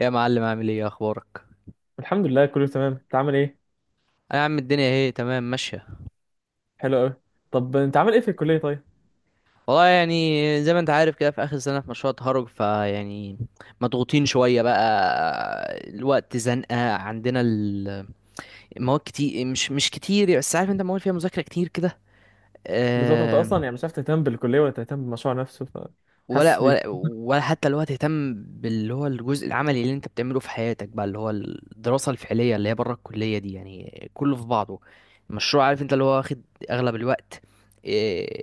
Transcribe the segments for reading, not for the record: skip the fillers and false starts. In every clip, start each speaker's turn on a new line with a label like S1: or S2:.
S1: يا معلم، عامل ايه اخبارك؟
S2: الحمد لله، كله تمام. انت عامل ايه؟
S1: انا يا عم الدنيا اهي تمام ماشيه.
S2: حلو قوي. طب انت عامل ايه في الكليه طيب؟
S1: والله يعني زي ما انت عارف كده في اخر سنه في مشروع التخرج فيعني مضغوطين شويه بقى، الوقت زنقه عندنا. المواد كتير، مش كتير يعني، بس عارف انت مواد فيها مذاكره كتير كده.
S2: بالظبط، انت
S1: أه.
S2: اصلا يعني مش عارف تهتم بالكليه ولا تهتم بالمشروع نفسه.
S1: ولا
S2: فحاسس بيك.
S1: ولا ولا حتى الوقت تهتم باللي هو الجزء العملي اللي انت بتعمله في حياتك بقى، اللي هو الدراسه الفعليه اللي هي بره الكليه دي، يعني كله في بعضه. المشروع عارف انت اللي هو واخد اغلب الوقت، آه،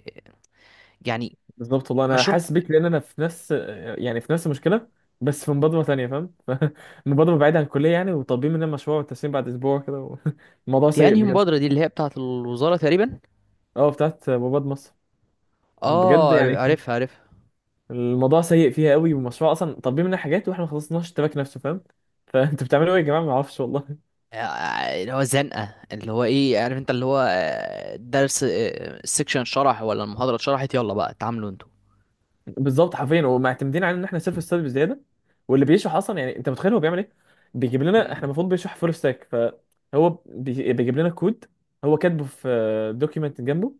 S1: يعني.
S2: بالظبط والله انا
S1: مشروع.
S2: حاسس بيك، لان انا في نفس، في نفس المشكله. بس في مبادره ثانيه، فاهم؟ مبادره بعيده عن الكليه يعني، وطالبين مننا مشروع والتسليم بعد اسبوع كده الموضوع
S1: دي
S2: سيء
S1: انهي
S2: بجد.
S1: مبادرة؟ دي اللي هي بتاعة الوزارة تقريبا.
S2: اه، بتاعت مصر. بجد
S1: اه
S2: يعني
S1: عارفها عارفها.
S2: الموضوع سيء فيها قوي، والمشروع اصلا طالبين مننا حاجات واحنا ما خلصناش التراك نفسه، فاهم؟ فانتوا بتعملوا ايه يا جماعه؟ ما اعرفش والله.
S1: اللي هو الزنقة، اللي هو ايه عارف انت، اللي هو درس، السكشن شرح ولا المحاضرة اتشرحت؟ يلا بقى اتعاملوا انتوا.
S2: بالظبط حرفيا، ومعتمدين على ان احنا سيلف ستادي بزياده. واللي بيشرح اصلا يعني انت متخيل هو بيعمل ايه؟ بيجيب لنا احنا
S1: مم.
S2: المفروض بيشرح فول ستاك، فهو بيجيب لنا كود. هو كاتبه في دوكيمنت جنبه.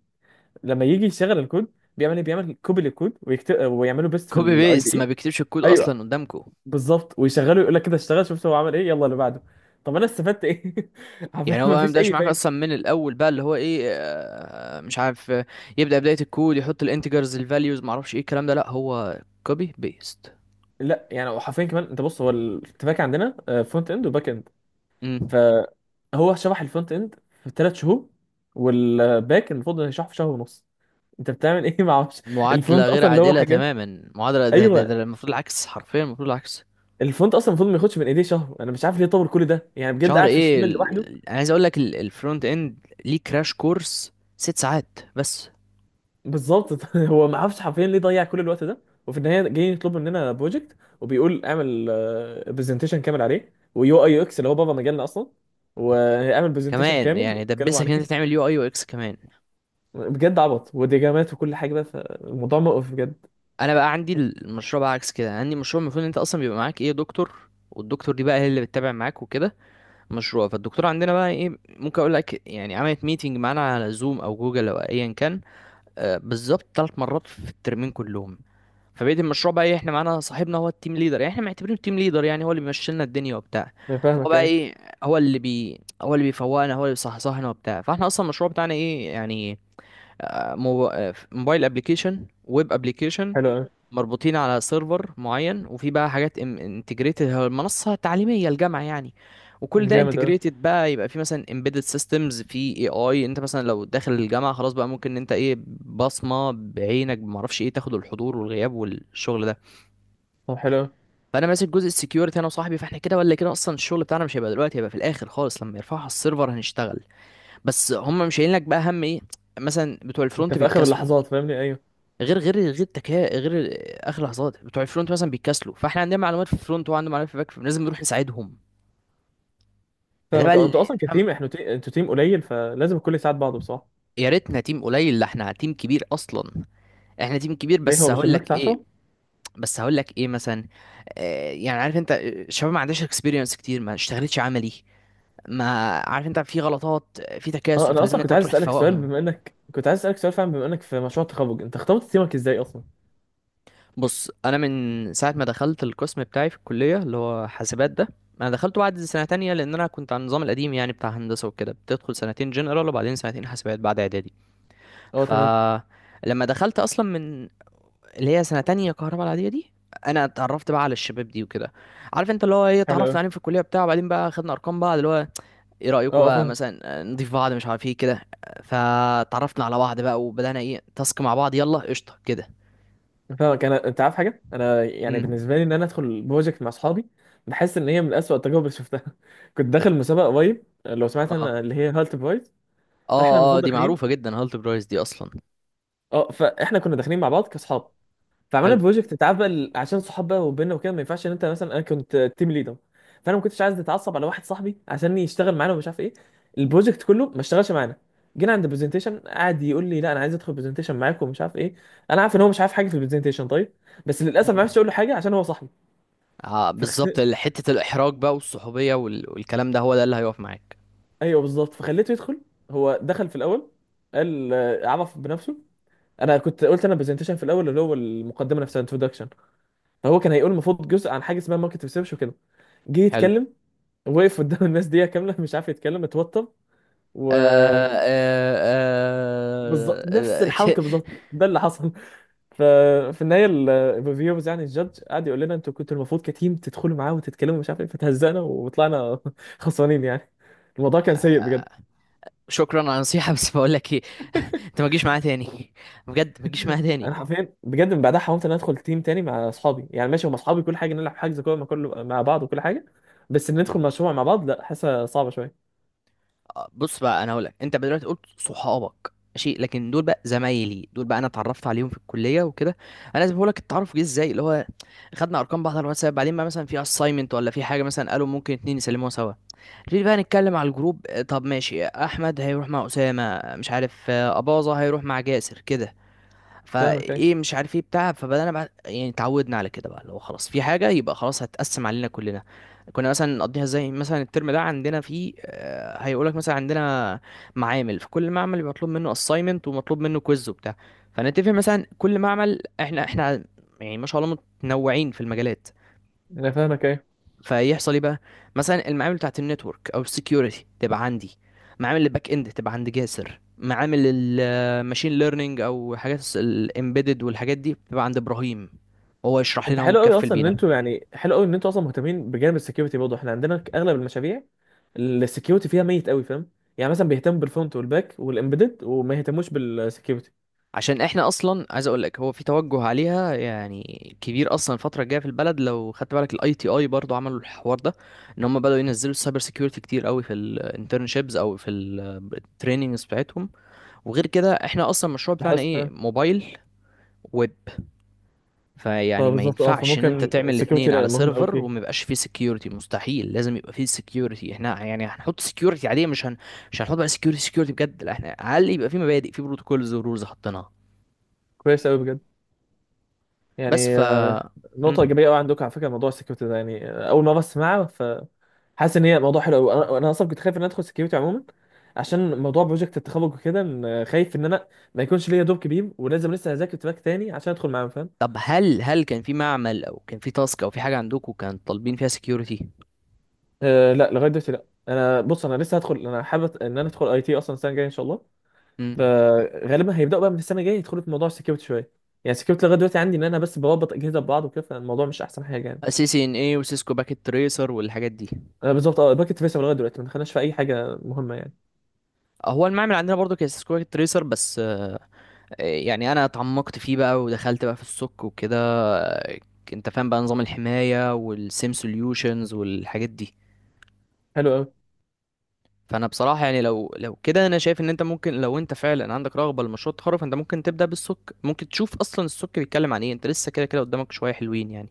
S2: لما يجي يشغل الكود بيعمل ايه؟ بيعمل كوبي للكود ويكتب ويعمله بيست في
S1: كوبي
S2: الاي دي
S1: بيست،
S2: اي.
S1: ما بيكتبش الكود اصلا
S2: ايوه.
S1: قدامكم.
S2: بالظبط، ويشغله يقول لك كده اشتغل، شفت هو عمل ايه، يلا اللي بعده. طب انا استفدت ايه؟ حرفيا
S1: يعني هو بقى ما
S2: مفيش
S1: يبداش
S2: اي
S1: معاك
S2: فايده.
S1: اصلا من الاول، بقى اللي هو ايه، مش عارف، يبدأ بداية الكود، يحط الانتجرز الفاليوز، ما اعرفش ايه الكلام ده، لا هو كوبي بيست.
S2: لا، يعني حرفيا كمان، انت بص، هو الاتفاق عندنا فرونت اند وباك. فهو شرح الفرونت اند في 3 شهور، والباك المفروض انه يشرحه في شهر ونص. انت بتعمل ايه؟ ما اعرفش.
S1: معادلة
S2: الفرونت
S1: غير
S2: اصلا اللي هو
S1: عادلة
S2: حاجات.
S1: تماما، معادلة ده, ده,
S2: ايوه.
S1: ده المفروض العكس، حرفيا المفروض العكس.
S2: الفرونت اصلا المفروض ما ياخدش من ايديه شهر. انا مش عارف ليه طول كل ده يعني، بجد
S1: شهر
S2: قاعد في
S1: ايه
S2: اشتمل لوحده.
S1: انا عايز اقول لك الفرونت اند ليه كراش كورس 6 ساعات بس؟
S2: بالظبط. هو ما اعرفش حرفيا ليه ضيع كل الوقت ده. وفي النهايه جاي يطلب مننا بروجكت، وبيقول اعمل برزنتيشن كامل عليه، ويو اي يو اكس، اللي هو بابا مجالنا اصلا، واعمل برزنتيشن
S1: كمان
S2: كامل
S1: يعني
S2: اتكلموا
S1: دبسك ان انت
S2: عليه.
S1: تعمل يو اي يو اكس كمان.
S2: بجد عبط وديجامات وكل حاجه، بقى فالموضوع مقرف بجد.
S1: انا بقى عندي المشروع بقى عكس كده. عندي مشروع، المفروض ان انت اصلا بيبقى معاك ايه، دكتور، والدكتور دي بقى هي اللي بتتابع معاك وكده. مشروع، فالدكتور عندنا بقى ايه ممكن اقول لك، يعني عملت ميتنج معانا على زوم او جوجل او ايا كان، بالظبط، 3 مرات في الترمين كلهم. فبقيت المشروع، بقى ايه، احنا معانا صاحبنا هو التيم ليدر، يعني احنا معتبرينه التيم ليدر، يعني هو اللي بيمشي لنا الدنيا وبتاع.
S2: أنا
S1: فهو
S2: فاهمك،
S1: بقى
S2: أيوه.
S1: ايه، هو اللي بيفوقنا، هو اللي بيصحصحنا وبتاع، فاحنا اصلا المشروع بتاعنا ايه يعني، موبايل ابلكيشن، ويب ابلكيشن،
S2: حلو قوي.
S1: مربوطين على سيرفر معين، وفي بقى حاجات انتجريتد، المنصة التعليمية الجامعة يعني. وكل ده
S2: جامد قوي.
S1: انتجريتد بقى، يبقى في مثلا امبيدد سيستمز في اي اي، انت مثلا لو داخل الجامعة خلاص بقى ممكن ان انت ايه، بصمة بعينك ما اعرفش ايه، تاخد الحضور والغياب والشغل ده.
S2: طب حلو قوي.
S1: فانا ماسك جزء السكيورتي، انا وصاحبي، فاحنا كده ولا كده اصلا الشغل بتاعنا مش هيبقى دلوقتي، هيبقى في الاخر خالص لما يرفعوا على السيرفر هنشتغل. بس هم مش شايلين لك بقى، هم ايه، مثلا بتوع
S2: انت
S1: الفرونت
S2: في اخر
S1: بيتكسلوا.
S2: اللحظات، فاهمني؟ ايوه.
S1: غير، اخر لحظات بتوع الفرونت مثلا بيتكسلوا، فاحنا عندنا معلومات في الفرونت وعندنا معلومات في الباك، فلازم نروح نساعدهم. فده بقى
S2: فاهمك. اه، انتوا
S1: اللي
S2: اصلا
S1: أنت فاهم.
S2: كتيم، انتوا تيم قليل، فلازم الكل يساعد بعضه بصراحه.
S1: يا ريتنا تيم قليل، لا احنا تيم كبير اصلا. احنا تيم كبير
S2: ليه هو مش الميكس 10؟
S1: بس هقول لك ايه، مثلا يعني عارف انت، الشباب ما عندهاش اكسبيرينس كتير، ما اشتغلتش عملي، ما عارف انت في غلطات، في
S2: اه،
S1: تكاسل،
S2: انا
S1: فلازم
S2: اصلا كنت
S1: انت
S2: عايز
S1: تروح
S2: اسالك سؤال،
S1: تفوقهم.
S2: فعلا بما انك في مشروع التخرج، انت اخترت تيمك ازاي اصلا؟
S1: بص، انا من ساعه ما دخلت القسم بتاعي في الكليه اللي هو حاسبات ده، انا دخلته بعد سنه تانية، لان انا كنت على النظام القديم يعني، بتاع هندسه وكده، بتدخل سنتين جنرال وبعدين سنتين حاسبات بعد اعدادي.
S2: اه
S1: ف،
S2: تمام.
S1: لما دخلت اصلا من اللي هي سنه تانية كهرباء العاديه دي، انا اتعرفت بقى على الشباب دي وكده. عارف انت اللي هو ايه،
S2: حلو قوي.
S1: اتعرفنا عليهم في الكليه بتاع، وبعدين بقى خدنا ارقام بعض، اللي هو ايه
S2: اه،
S1: رايكم
S2: اه،
S1: بقى
S2: فاهم.
S1: مثلا نضيف بعض، مش عارف ايه كده. فتعرفنا على بعض بقى، وبدانا ايه، تاسك مع بعض، يلا قشطه كده.
S2: فاهمك. انا، انت عارف حاجه، انا يعني
S1: امم
S2: بالنسبه لي ان انا ادخل بروجكت مع اصحابي، بحس ان هي من اسوأ التجارب اللي شفتها. كنت داخل مسابقه قريب، لو سمعت، انا
S1: اه
S2: اللي هي هالت برايز. فاحنا
S1: اه اه
S2: المفروض
S1: دي معروفة
S2: داخلين.
S1: جدا، هالت برايس دي اصلا.
S2: اه، فاحنا كنا داخلين مع بعض كاصحاب. فعملنا
S1: حلو.
S2: بروجكت، انت عارف بقى ال-، عشان صحاب بقى وبيننا وكده ما ينفعش ان انت مثلا، انا كنت تيم ليدر، فانا ما كنتش عايز اتعصب على واحد صاحبي عشان يشتغل معانا ومش عارف ايه. البروجكت كله ما اشتغلش معانا. جينا عند البرزنتيشن قعد يقول لي لا انا عايز ادخل برزنتيشن معاكم ومش عارف ايه. انا عارف ان هو مش عارف حاجه في البرزنتيشن طيب، بس للاسف ما
S1: مم.
S2: عرفتش اقول له حاجه عشان هو صاحبي. فخ...
S1: بالظبط، حتة الإحراج بقى والصحوبية والكلام ده، هو ده اللي هيقف معاك.
S2: ايوه بالظبط، فخليته يدخل. هو دخل في الاول، قال عرف بنفسه. انا كنت قلت انا برزنتيشن في الاول اللي هو المقدمه نفسها، انتروداكشن. فهو كان هيقول المفروض جزء عن حاجه اسمها ماركت ريسيرش وكده. جه
S1: حلو.
S2: يتكلم، وقف قدام الناس دقيقة كاملة مش عارف يتكلم، اتوتر.
S1: آه
S2: وبالظبط.
S1: آه
S2: نفس
S1: آه آه، ك-
S2: الحركة بالظبط، ده اللي حصل. ففي النهاية الريفيورز يعني الجادج قعد يقول لنا انتوا كنتوا المفروض كتيم تدخلوا معاه وتتكلموا، مش عارف ايه. فتهزقنا وطلعنا خسرانين يعني. الموضوع كان سيء بجد.
S1: آه، شكرا على النصيحة، بس بقول لك ايه، انت ما تجيش معايا تاني، بجد ما تجيش معايا
S2: انا
S1: تاني.
S2: حرفيا بجد من بعدها حاولت ان أنا ادخل تيم تاني مع اصحابي. يعني ماشي هم اصحابي كل حاجه، نلعب، حجز كوره مع كل مع بعض وكل حاجه، بس
S1: مم.
S2: ندخل مشروع مع بعض لا، حاسه صعبه شويه.
S1: بص بقى، انا هقول لك، انت دلوقتي قلت صحابك ماشي، لكن دول بقى زمايلي، دول بقى انا اتعرفت عليهم في الكليه وكده. انا لازم اقول لك التعرف جه ازاي، اللي هو خدنا ارقام بعض على الواتساب، بعدين ما مثلا في اساينمنت ولا في حاجه، مثلا قالوا ممكن اتنين يسلموها سوا. نبتدي بقى نتكلم على الجروب، طب ماشي، احمد هيروح مع اسامه، مش عارف، اباظه هيروح مع جاسر كده.
S2: فاهمك ايه.
S1: فايه مش عارف ايه بتاع، فبدانا بقى يعني اتعودنا على كده بقى، لو خلاص في حاجه يبقى خلاص هتقسم علينا كلنا. كنا مثلا نقضيها، زي مثلا الترم ده عندنا فيه هيقولك مثلا، عندنا معامل، فكل معمل يبقى مطلوب منه assignment ومطلوب منه كويز وبتاع. فنتفق مثلا كل معمل، احنا يعني ما شاء الله متنوعين في المجالات.
S2: انا فاهمك ايه.
S1: فيحصل ايه بقى، مثلا المعامل بتاعت النتورك او السكيورتي تبقى عندي، معامل الباك اند تبقى عند جاسر، معامل الماشين ليرنينج او حاجات الامبيدد والحاجات دي بتبقى عند ابراهيم، وهو يشرح
S2: انت
S1: لنا، هو
S2: حلو قوي
S1: متكفل
S2: اصلا ان
S1: بينا.
S2: انتوا يعني، حلو قوي ان انتوا اصلا مهتمين بجانب السكيورتي، برضه احنا عندنا اغلب المشاريع السكيورتي فيها ميت قوي، فاهم؟ يعني مثلا بيهتم بالفرونت والباك والامبيدد وما يهتموش بالسكيورتي.
S1: عشان احنا اصلا، عايز اقول لك هو في توجه عليها يعني كبير اصلا الفتره الجايه في البلد، لو خدت بالك الاي تي اي برضو عملوا الحوار ده، ان هم بداوا ينزلوا السايبر سيكيورتي كتير قوي في الانترنشيبس او في التريننجز بتاعتهم. وغير كده احنا اصلا المشروع بتاعنا
S2: بحس
S1: ايه،
S2: فاهم.
S1: موبايل، ويب. فيعني ما
S2: فبالظبط، اه،
S1: ينفعش ان انت
S2: فممكن
S1: تعمل
S2: السكيورتي
S1: الاتنين
S2: لا
S1: على
S2: مهم قوي
S1: سيرفر وما
S2: فيه.
S1: يبقاش فيه سكيورتي، مستحيل لازم يبقى فيه سكيورتي، احنا يعني هنحط سكيورتي عاديه، مش هنحط بقى سكيورتي سكيورتي بجد، لا، احنا على الاقل يبقى فيه مبادئ، فيه بروتوكولز ورولز حطيناها
S2: كويس قوي بجد.
S1: بس.
S2: يعني
S1: ف. مم.
S2: نقطه ايجابيه قوي عندكم على فكره موضوع السكيورتي ده، يعني اول مره اسمعها، فحاسس ان هي موضوع حلو قوي. انا، انا اصلا كنت خايف ان أنا ادخل سكيورتي عموما، عشان موضوع بروجكت التخرج وكده، إن، آه، خايف ان انا ما يكونش ليا دور كبير، ولازم لسه اذاكر تراك تاني عشان ادخل معاهم، فاهم؟
S1: طب هل كان في معمل، او كان في تاسك، او في حاجه عندكم كان طالبين فيها سكيورتي؟
S2: أه، لا لغايه دلوقتي. لا، انا بص انا لسه هدخل، انا حابب ان انا ادخل اي تي اصلا السنه الجايه ان شاء الله.
S1: امم
S2: فغالبا هيبداوا بقى من السنه الجايه يدخلوا في موضوع السكيورتي شويه. يعني السكيورتي لغايه دلوقتي عندي ان انا بس بربط اجهزه ببعض وكده، فالموضوع مش احسن حاجه يعني.
S1: سي سي ان اي وسيسكو باكيت تريسر والحاجات دي.
S2: أه بالظبط، اه، باكت فيصل لغايه دلوقتي ما دخلناش في اي حاجه مهمه يعني.
S1: هو المعمل عندنا برضو كان سيسكو باكيت تريسر بس، يعني انا اتعمقت فيه بقى ودخلت بقى في السك وكده، انت فاهم بقى، نظام الحماية والسيم سوليوشنز والحاجات دي.
S2: حلو قوي.
S1: فانا بصراحة يعني لو كده، انا شايف ان انت ممكن، لو انت فعلا عندك رغبة لمشروع التخرج، فانت ممكن تبدأ بالسك، ممكن تشوف اصلا السك بيتكلم عن ايه، انت لسه كده كده قدامك شوية حلوين يعني.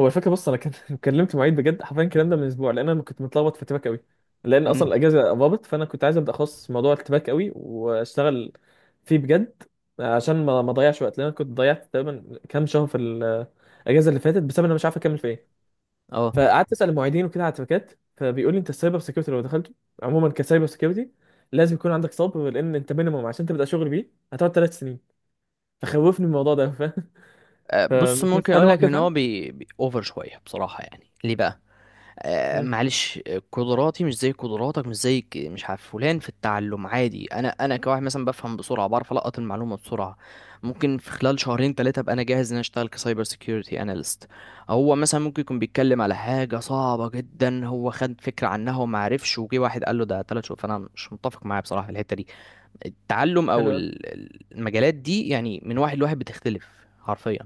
S2: هو الفكره بص، انا كان كلمت المعيد بجد حرفيا الكلام ده من اسبوع، لان انا كنت متلخبط في اتباك قوي، لان اصلا
S1: امم،
S2: الاجازه قربت، فانا كنت عايز ابدا اخصص موضوع الاتباك قوي واشتغل فيه بجد. عشان ما اضيعش وقت، لان انا كنت ضيعت تقريبا كام شهر في الاجازه اللي فاتت بسبب ان انا مش عارف اكمل في ايه.
S1: اه.
S2: فقعدت اسال المعيدين وكده على التباكات، فبيقول لي انت السايبر سكيورتي لو دخلته عموما كسايبر سيكيورتي لازم يكون عندك صبر، لان انت مينيموم عشان تبدا شغل بيه هتقعد 3 سنين. فخوفني من الموضوع ده، فاهم؟
S1: بص،
S2: فمش عارف
S1: ممكن
S2: هل
S1: اقول
S2: هو
S1: لك
S2: كده
S1: ان هو
S2: فاهم؟
S1: بي اوفر شوية بصراحة، يعني ليه بقى.
S2: مم.
S1: معلش، قدراتي مش زي قدراتك، مش زي مش عارف فلان في التعلم عادي، انا كواحد مثلا بفهم بسرعه، بعرف القط المعلومه بسرعه. ممكن في خلال شهرين ثلاثه ابقى انا جاهز ان أنا اشتغل كسايبر سيكيورتي اناليست. هو مثلا ممكن يكون بيتكلم على حاجه صعبه جدا، هو خد فكره عنها وما عرفش، وجي واحد قال له ده 3 شهور، فانا مش متفق معاه بصراحه في الحته دي. التعلم او
S2: حلو.
S1: المجالات دي يعني من واحد لواحد بتختلف، حرفيا.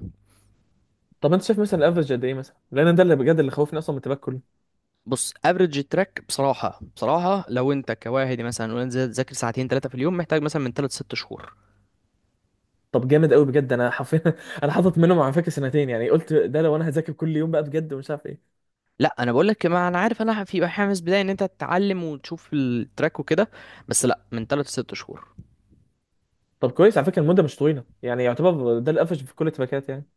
S2: طب انت شايف مثلا الافرج قد ايه مثلا، لان أنا ده اللي بجد اللي خوفني اصلا من التباك كله.
S1: بص، افريج التراك بصراحه بصراحه، لو انت كواحد مثلا وانت تذاكر ساعتين ثلاثه في اليوم، محتاج مثلا من ثلاث ست شهور.
S2: طب جامد قوي بجد، انا حرفيا انا حاطط منهم على فكره سنتين، يعني قلت ده لو انا هذاكر كل يوم بقى بجد ومش عارف ايه.
S1: لا انا بقول لك، ما انا عارف، انا في حماس بدايه ان انت تتعلم وتشوف التراك وكده، بس لا، من ثلاث ست شهور.
S2: طب كويس، على فكره المده مش طويله يعني، يعتبر ده الافرج في كل التباكات يعني.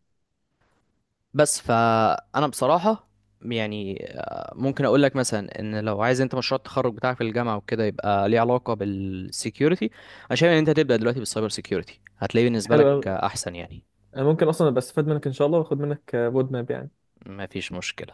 S1: بس، فانا بصراحه يعني ممكن اقول لك مثلا، ان لو عايز انت مشروع التخرج بتاعك في الجامعه وكده يبقى ليه علاقه بالسكيورتي، انا شايف ان انت تبدا دلوقتي بالسايبر سكيورتي، هتلاقيه بالنسبه
S2: حلو
S1: لك
S2: قوي.
S1: احسن يعني.
S2: انا ممكن اصلا ابقى استفاد منك ان شاء الله، واخد منك رود ماب يعني.
S1: ما فيش مشكله.